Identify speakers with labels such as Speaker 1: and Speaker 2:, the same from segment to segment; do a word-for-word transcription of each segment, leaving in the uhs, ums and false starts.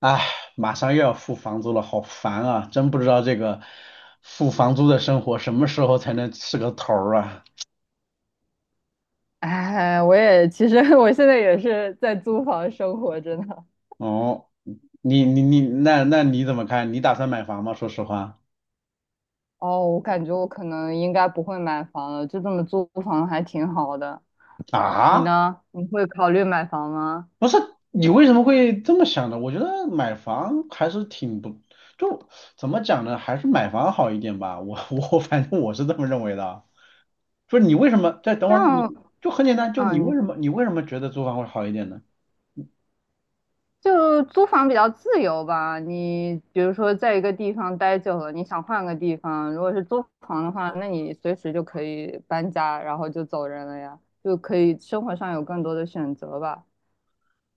Speaker 1: 哎，马上又要付房租了，好烦啊！真不知道这个付房租的生活什么时候才能是个头儿啊？
Speaker 2: 哎，我也其实 我现在也是在租房生活真的。
Speaker 1: 哦，你你你，那那你怎么看？你打算买房吗？说实话
Speaker 2: 哦，我感觉我可能应该不会买房了，就这么租房还挺好的。你
Speaker 1: 啊，
Speaker 2: 呢？你会考虑买房吗？
Speaker 1: 不是，你为什么会这么想呢？我觉得买房还是挺不，就怎么讲呢？还是买房好一点吧。我我反正我是这么认为的啊。就是你为什么？再等会
Speaker 2: 但
Speaker 1: 儿，你就很简单，就你为
Speaker 2: 嗯，
Speaker 1: 什么你为什么觉得租房会好一点呢？
Speaker 2: 就租房比较自由吧。你比如说在一个地方待久了，你想换个地方，如果是租房的话，那你随时就可以搬家，然后就走人了呀，就可以生活上有更多的选择吧。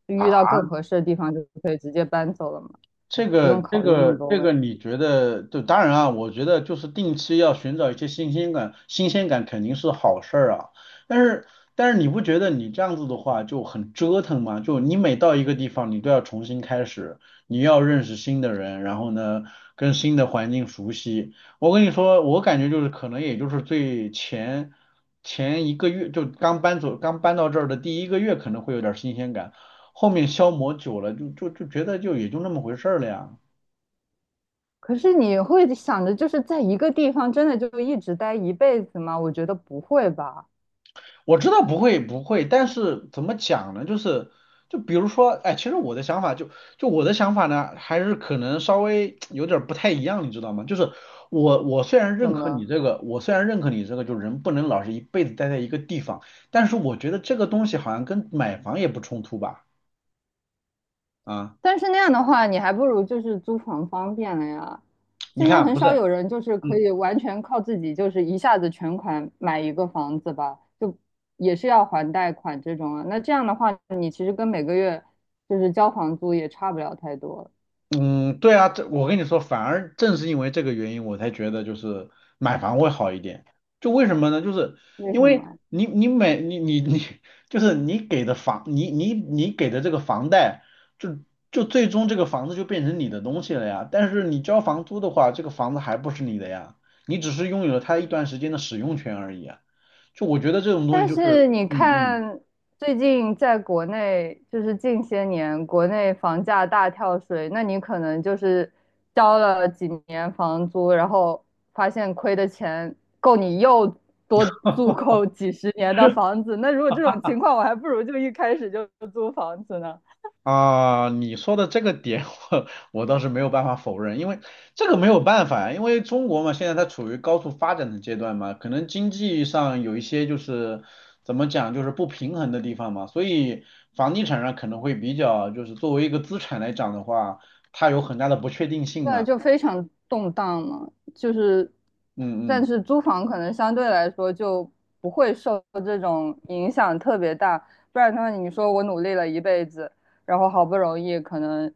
Speaker 2: 就
Speaker 1: 啊？
Speaker 2: 遇到更合适的地方，就可以直接搬走了嘛。
Speaker 1: 这
Speaker 2: 不用
Speaker 1: 个这
Speaker 2: 考虑那么
Speaker 1: 个
Speaker 2: 多
Speaker 1: 这
Speaker 2: 问
Speaker 1: 个，
Speaker 2: 题。
Speaker 1: 你觉得就当然啊，我觉得就是定期要寻找一些新鲜感，新鲜感肯定是好事儿啊。但是但是你不觉得你这样子的话就很折腾吗？就你每到一个地方，你都要重新开始，你要认识新的人，然后呢跟新的环境熟悉。我跟你说，我感觉就是可能也就是最前前一个月，就刚搬走刚搬到这儿的第一个月可能会有点儿新鲜感。后面消磨久了，就就就觉得就也就那么回事儿了呀。
Speaker 2: 可是你会想着就是在一个地方真的就一直待一辈子吗？我觉得不会吧。
Speaker 1: 我知道不会不会，但是怎么讲呢？就是就比如说，哎，其实我的想法就就我的想法呢，还是可能稍微有点儿不太一样，你知道吗？就是我我虽然认
Speaker 2: 怎
Speaker 1: 可你
Speaker 2: 么？
Speaker 1: 这个，我虽然认可你这个，就人不能老是一辈子待在一个地方，但是我觉得这个东西好像跟买房也不冲突吧？啊，
Speaker 2: 但是那样的话，你还不如就是租房方便了呀。
Speaker 1: 你
Speaker 2: 现在
Speaker 1: 看
Speaker 2: 很
Speaker 1: 不
Speaker 2: 少
Speaker 1: 是，
Speaker 2: 有人就是可
Speaker 1: 嗯。
Speaker 2: 以完全靠自己，就是一下子全款买一个房子吧，就也是要还贷款这种啊。那这样的话，你其实跟每个月就是交房租也差不了太多。
Speaker 1: 嗯，对啊，这我跟你说，反而正是因为这个原因，我才觉得就是买房会好一点。就为什么呢？就是
Speaker 2: 为
Speaker 1: 因
Speaker 2: 什
Speaker 1: 为
Speaker 2: 么？
Speaker 1: 你你买你你你，就是你给的房，你你你给的这个房贷，就就最终这个房子就变成你的东西了呀。但是你交房租的话，这个房子还不是你的呀，你只是拥有了它一段时间的使用权而已啊。就我觉得这种东西
Speaker 2: 但
Speaker 1: 就是，
Speaker 2: 是你
Speaker 1: 嗯嗯。
Speaker 2: 看，最近在国内，就是近些年国内房价大跳水，那你可能就是交了几年房租，然后发现亏的钱够你又多租够几十年的房子。那如果这种情况，我还不如就一开始就租房子呢。
Speaker 1: 啊，你说的这个点 我我倒是没有办法否认，因为这个没有办法，因为中国嘛，现在它处于高速发展的阶段嘛，可能经济上有一些就是怎么讲，就是不平衡的地方嘛，所以房地产上可能会比较，就是作为一个资产来讲的话，它有很大的不确定性
Speaker 2: 对，
Speaker 1: 嘛，
Speaker 2: 就非常动荡嘛，就是，
Speaker 1: 嗯
Speaker 2: 但
Speaker 1: 嗯
Speaker 2: 是租房可能相对来说就不会受这种影响特别大，不然的话，你说我努力了一辈子，然后好不容易可能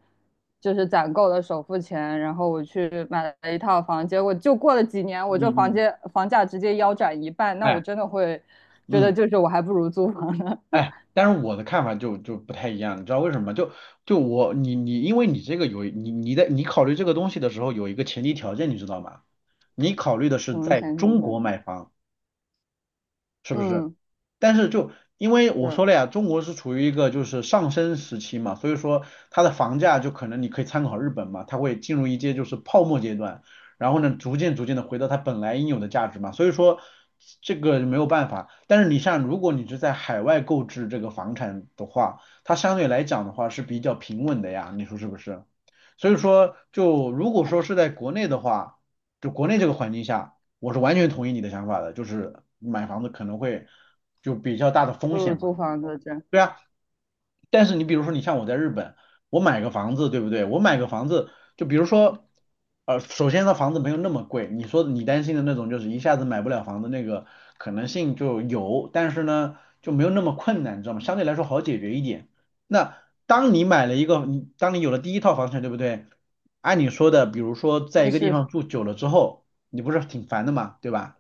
Speaker 2: 就是攒够了首付钱，然后我去买了一套房，结果就过了几年，我这
Speaker 1: 嗯
Speaker 2: 房
Speaker 1: 嗯，
Speaker 2: 间房价直接腰斩一半，那
Speaker 1: 哎，
Speaker 2: 我真的会觉得
Speaker 1: 嗯。
Speaker 2: 就是我还不如租房呢。
Speaker 1: 哎，但是我的看法就就不太一样，你知道为什么吗？就就我你你，因为你这个有你你在你考虑这个东西的时候有一个前提条件，你知道吗？你考虑的
Speaker 2: 什
Speaker 1: 是
Speaker 2: 么
Speaker 1: 在
Speaker 2: 前提
Speaker 1: 中
Speaker 2: 条
Speaker 1: 国
Speaker 2: 件？
Speaker 1: 买房，是不是？
Speaker 2: 嗯，
Speaker 1: 但是就因为我
Speaker 2: 对，
Speaker 1: 说了呀，中国是处于一个就是上升时期嘛，所以说它的房价就可能你可以参考日本嘛，它会进入一阶就是泡沫阶段，然后呢逐渐逐渐的回到它本来应有的价值嘛，所以说这个没有办法。但是你像如果你是在海外购置这个房产的话，它相对来讲的话是比较平稳的呀，你说是不是？所以说就如果说是在国内的话，就国内这个环境下。我是完全同意你的想法的，就是买房子可能会就比较大的
Speaker 2: 不
Speaker 1: 风
Speaker 2: 如
Speaker 1: 险嘛，
Speaker 2: 租房子这，
Speaker 1: 对啊，但是你比如说，你像我在日本，我买个房子，对不对？我买个房子，就比如说，呃，首先呢，房子没有那么贵。你说你担心的那种，就是一下子买不了房子那个可能性就有，但是呢，就没有那么困难，你知道吗？相对来说好解决一点。那当你买了一个，你当你有了第一套房产，对不对？按你说的，比如说在
Speaker 2: 你
Speaker 1: 一个地
Speaker 2: 是。
Speaker 1: 方住久了之后，你不是挺烦的嘛，对吧？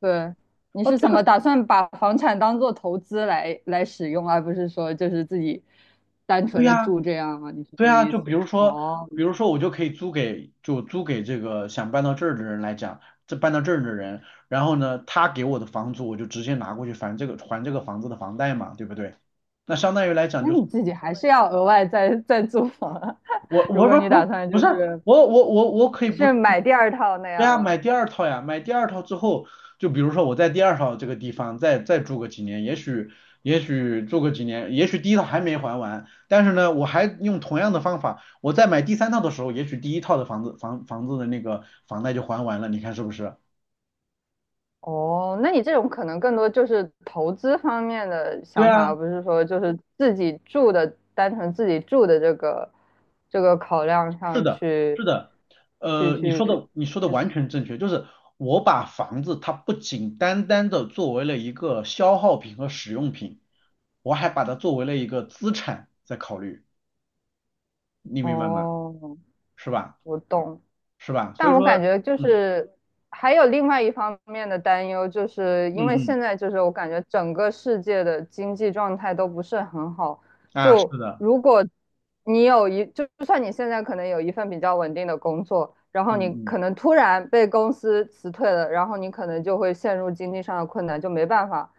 Speaker 2: 对，你
Speaker 1: 哦，
Speaker 2: 是
Speaker 1: 这
Speaker 2: 怎
Speaker 1: 个
Speaker 2: 么打算把房产当做投资来来使用，而不是说就是自己单
Speaker 1: 对
Speaker 2: 纯的
Speaker 1: 呀。
Speaker 2: 住这样吗？你是
Speaker 1: 对
Speaker 2: 这个
Speaker 1: 啊，
Speaker 2: 意
Speaker 1: 就比
Speaker 2: 思？
Speaker 1: 如说，
Speaker 2: 哦，
Speaker 1: 比如说我就可以租给，就租给这个想搬到这儿的人来讲，这搬到这儿的人，然后呢，他给我的房租我就直接拿过去还这个还这个房子的房贷嘛，对不对？那相当于来讲
Speaker 2: 那
Speaker 1: 就是
Speaker 2: 你自己还是要额外再再租房啊
Speaker 1: 我
Speaker 2: 如
Speaker 1: 我
Speaker 2: 果
Speaker 1: 不
Speaker 2: 你打
Speaker 1: 不
Speaker 2: 算
Speaker 1: 不
Speaker 2: 就
Speaker 1: 是
Speaker 2: 是
Speaker 1: 我我我我可以
Speaker 2: 你
Speaker 1: 不，
Speaker 2: 是买第二套那
Speaker 1: 对
Speaker 2: 样
Speaker 1: 啊，
Speaker 2: 吗？
Speaker 1: 买第二套呀，买第二套之后，就比如说我在第二套这个地方再再住个几年，也许也许住个几年，也许第一套还没还完，但是呢，我还用同样的方法，我在买第三套的时候，也许第一套的房子房房子的那个房贷就还完了，你看是不是？
Speaker 2: 哦，那你这种可能更多就是投资方面的
Speaker 1: 对
Speaker 2: 想法，
Speaker 1: 啊。
Speaker 2: 而不是说就是自己住的，单纯自己住的这个这个考量
Speaker 1: 是
Speaker 2: 上
Speaker 1: 的，
Speaker 2: 去
Speaker 1: 是的，
Speaker 2: 去
Speaker 1: 呃，你说
Speaker 2: 去
Speaker 1: 的你说的
Speaker 2: 去。
Speaker 1: 完全正确，就是我把房子它不仅单单的作为了一个消耗品和使用品，我还把它作为了一个资产在考虑，你明白吗？
Speaker 2: 哦，
Speaker 1: 是吧？
Speaker 2: 我懂，
Speaker 1: 是吧？所以
Speaker 2: 但我
Speaker 1: 说，
Speaker 2: 感觉就
Speaker 1: 嗯
Speaker 2: 是还有另外一方面的担忧，就是
Speaker 1: 嗯
Speaker 2: 因为
Speaker 1: 嗯，
Speaker 2: 现在就是我感觉整个世界的经济状态都不是很好。
Speaker 1: 啊，是
Speaker 2: 就
Speaker 1: 的，
Speaker 2: 如果你有一，就就算你现在可能有一份比较稳定的工作，然后
Speaker 1: 嗯
Speaker 2: 你可
Speaker 1: 嗯
Speaker 2: 能突然被公司辞退了，然后你可能就会陷入经济上的困难，就没办法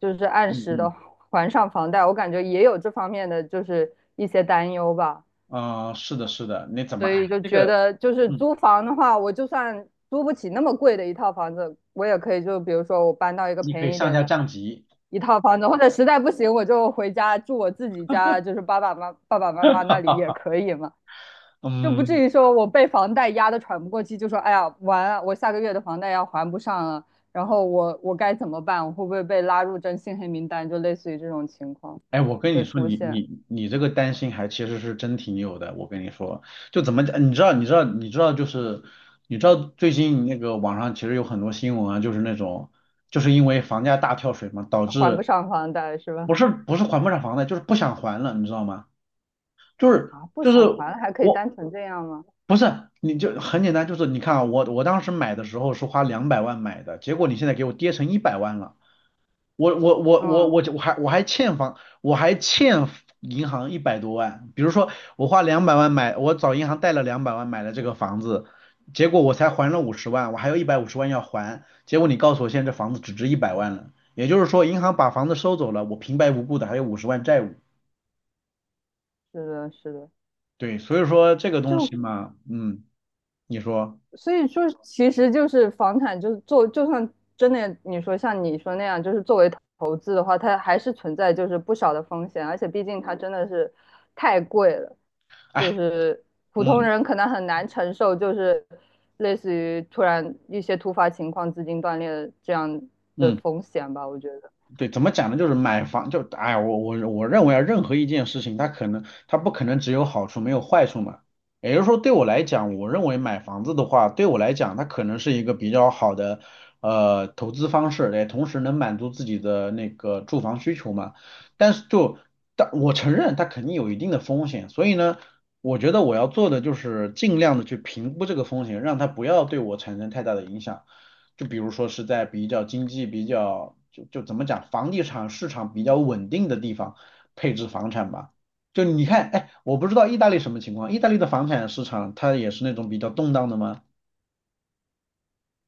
Speaker 2: 就是按
Speaker 1: 嗯
Speaker 2: 时
Speaker 1: 嗯，
Speaker 2: 的还上房贷。我感觉也有这方面的就是一些担忧吧。
Speaker 1: 啊、是的，是的，你怎么，
Speaker 2: 所以
Speaker 1: 哎，
Speaker 2: 就
Speaker 1: 这
Speaker 2: 觉
Speaker 1: 个，
Speaker 2: 得就是
Speaker 1: 嗯，
Speaker 2: 租房的话，我就算租不起那么贵的一套房子，我也可以就比如说我搬到一个
Speaker 1: 你可以
Speaker 2: 便宜一
Speaker 1: 上
Speaker 2: 点
Speaker 1: 下
Speaker 2: 的
Speaker 1: 降级，
Speaker 2: 一套房子，或者实在不行我就回家住我自己家，就是爸爸妈爸爸妈妈那里也 可以嘛，就不至
Speaker 1: 嗯。
Speaker 2: 于说我被房贷压得喘不过气，就说哎呀完了，我下个月的房贷要还不上了，然后我我该怎么办？我会不会被拉入征信黑名单？就类似于这种情况
Speaker 1: 哎，我跟你
Speaker 2: 的
Speaker 1: 说，
Speaker 2: 出
Speaker 1: 你
Speaker 2: 现，
Speaker 1: 你你这个担心还其实是真挺有的。我跟你说，就怎么讲，你知道，你知道，你知道，就是你知道最近那个网上其实有很多新闻啊，就是那种就是因为房价大跳水嘛，导
Speaker 2: 还
Speaker 1: 致
Speaker 2: 不上房贷是吧？
Speaker 1: 不是不是还不上房贷，就是不想还了，你知道吗？就是
Speaker 2: 啊，不
Speaker 1: 就
Speaker 2: 想
Speaker 1: 是
Speaker 2: 还了还可以
Speaker 1: 我
Speaker 2: 单纯这样吗？
Speaker 1: 不是你就很简单，就是你看啊，我我当时买的时候是花两百万买的，结果你现在给我跌成一百万了。我我我我
Speaker 2: 嗯，
Speaker 1: 我我还我还欠房，我还欠银行一百多万。比如说我花两百万买，我找银行贷了两百万买了这个房子，结果我才还了五十万，我还有一百五十万要还。结果你告诉我现在这房子只值一百万了，也就是说银行把房子收走了，我平白无故的还有五十万债务。
Speaker 2: 是的，是的，
Speaker 1: 对，所以说这个东
Speaker 2: 就
Speaker 1: 西嘛，嗯，你说，
Speaker 2: 所以说，其实就是房产，就是做，就算真的你说像你说那样，就是作为投资的话，它还是存在就是不少的风险，而且毕竟它真的是太贵了，就
Speaker 1: 哎，
Speaker 2: 是普通
Speaker 1: 嗯
Speaker 2: 人可能很难承受，就是类似于突然一些突发情况、资金断裂的这样的
Speaker 1: 嗯。
Speaker 2: 风险吧，我觉得。
Speaker 1: 对，怎么讲呢？就是买房，就哎呀，我我我认为啊，任何一件事情，它可能它不可能只有好处没有坏处嘛。也就是说，对我来讲，我认为买房子的话，对我来讲，它可能是一个比较好的呃投资方式，也同时能满足自己的那个住房需求嘛。但是就但我承认它肯定有一定的风险，所以呢，我觉得我要做的就是尽量的去评估这个风险，让它不要对我产生太大的影响。就比如说是在比较经济比较就就怎么讲，房地产市场比较稳定的地方配置房产吧。就你看，哎，我不知道意大利什么情况，意大利的房产市场它也是那种比较动荡的吗？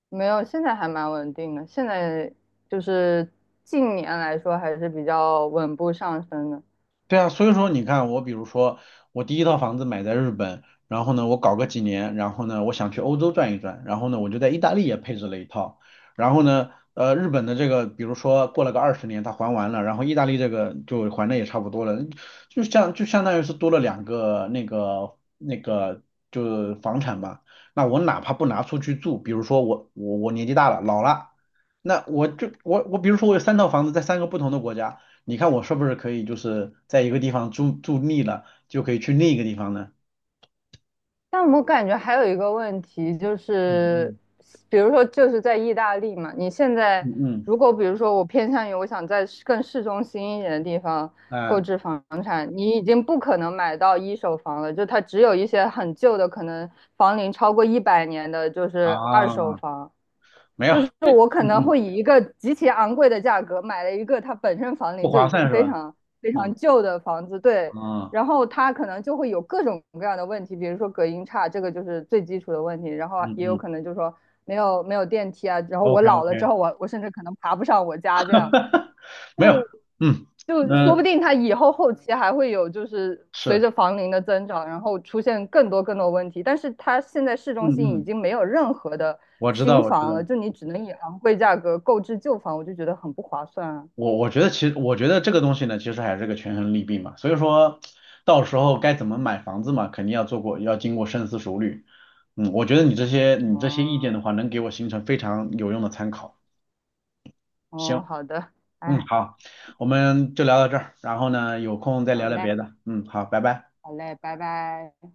Speaker 2: 没有，现在还蛮稳定的。现在就是近年来说还是比较稳步上升的。
Speaker 1: 对啊，所以说你看，我比如说，我第一套房子买在日本，然后呢，我搞个几年，然后呢，我想去欧洲转一转，然后呢，我就在意大利也配置了一套，然后呢，呃，日本的这个，比如说过了个二十年，它还完了，然后意大利这个就还的也差不多了，就像就相当于是多了两个那个那个就是房产吧，那我哪怕不拿出去住，比如说我我我年纪大了，老了。那我就我我比如说我有三套房子在三个不同的国家，你看我是不是可以就是在一个地方住住腻了，就可以去另一个地方呢？
Speaker 2: 但我感觉还有一个问题就是，
Speaker 1: 嗯
Speaker 2: 比如说就是在意大利嘛，你现在
Speaker 1: 嗯嗯，
Speaker 2: 如果比如说我偏向于我想在市更市中心一点的地方
Speaker 1: 嗯，
Speaker 2: 购
Speaker 1: 哎
Speaker 2: 置房产，你已经不可能买到一手房了，就它只有一些很旧的，可能房龄超过一百年的，就是二手
Speaker 1: 啊，
Speaker 2: 房。
Speaker 1: 没有，
Speaker 2: 就是
Speaker 1: 嗯
Speaker 2: 我可能
Speaker 1: 嗯，
Speaker 2: 会以一个极其昂贵的价格买了一个它本身房
Speaker 1: 不
Speaker 2: 龄就
Speaker 1: 划
Speaker 2: 已
Speaker 1: 算
Speaker 2: 经
Speaker 1: 是
Speaker 2: 非
Speaker 1: 吧？
Speaker 2: 常非常
Speaker 1: 嗯
Speaker 2: 旧的房子，对，
Speaker 1: 啊，
Speaker 2: 然后它可能就会有各种各样的问题，比如说隔音差，这个就是最基础的问题，然后
Speaker 1: 嗯
Speaker 2: 也有
Speaker 1: 嗯
Speaker 2: 可能就是说没有没有电梯啊，然后我
Speaker 1: ，OK
Speaker 2: 老
Speaker 1: OK，
Speaker 2: 了之后我我甚至可能爬不上我家这样，
Speaker 1: 没有，
Speaker 2: 就
Speaker 1: 嗯，
Speaker 2: 就说不
Speaker 1: 那、
Speaker 2: 定它以后后期还会有，就是随
Speaker 1: 是，
Speaker 2: 着房龄的增长，然后出现更多更多问题。但是它现在市
Speaker 1: 嗯
Speaker 2: 中心已
Speaker 1: 嗯，
Speaker 2: 经没有任何的
Speaker 1: 我知道
Speaker 2: 新
Speaker 1: 我知
Speaker 2: 房
Speaker 1: 道。
Speaker 2: 了，就你只能以昂贵价格购置旧房，我就觉得很不划算啊。
Speaker 1: 我我觉得其实我觉得这个东西呢，其实还是个权衡利弊嘛。所以说，到时候该怎么买房子嘛，肯定要做过，要经过深思熟虑。嗯，我觉得你这些你这些意见
Speaker 2: 嗯，
Speaker 1: 的话，能给我形成非常有用的参考。
Speaker 2: 哦，
Speaker 1: 行，
Speaker 2: 好的，
Speaker 1: 嗯，
Speaker 2: 哎，
Speaker 1: 好，我们就聊到这儿，然后呢，有空再
Speaker 2: 好
Speaker 1: 聊聊
Speaker 2: 嘞，
Speaker 1: 别的。嗯，好，拜拜。
Speaker 2: 好嘞，拜拜。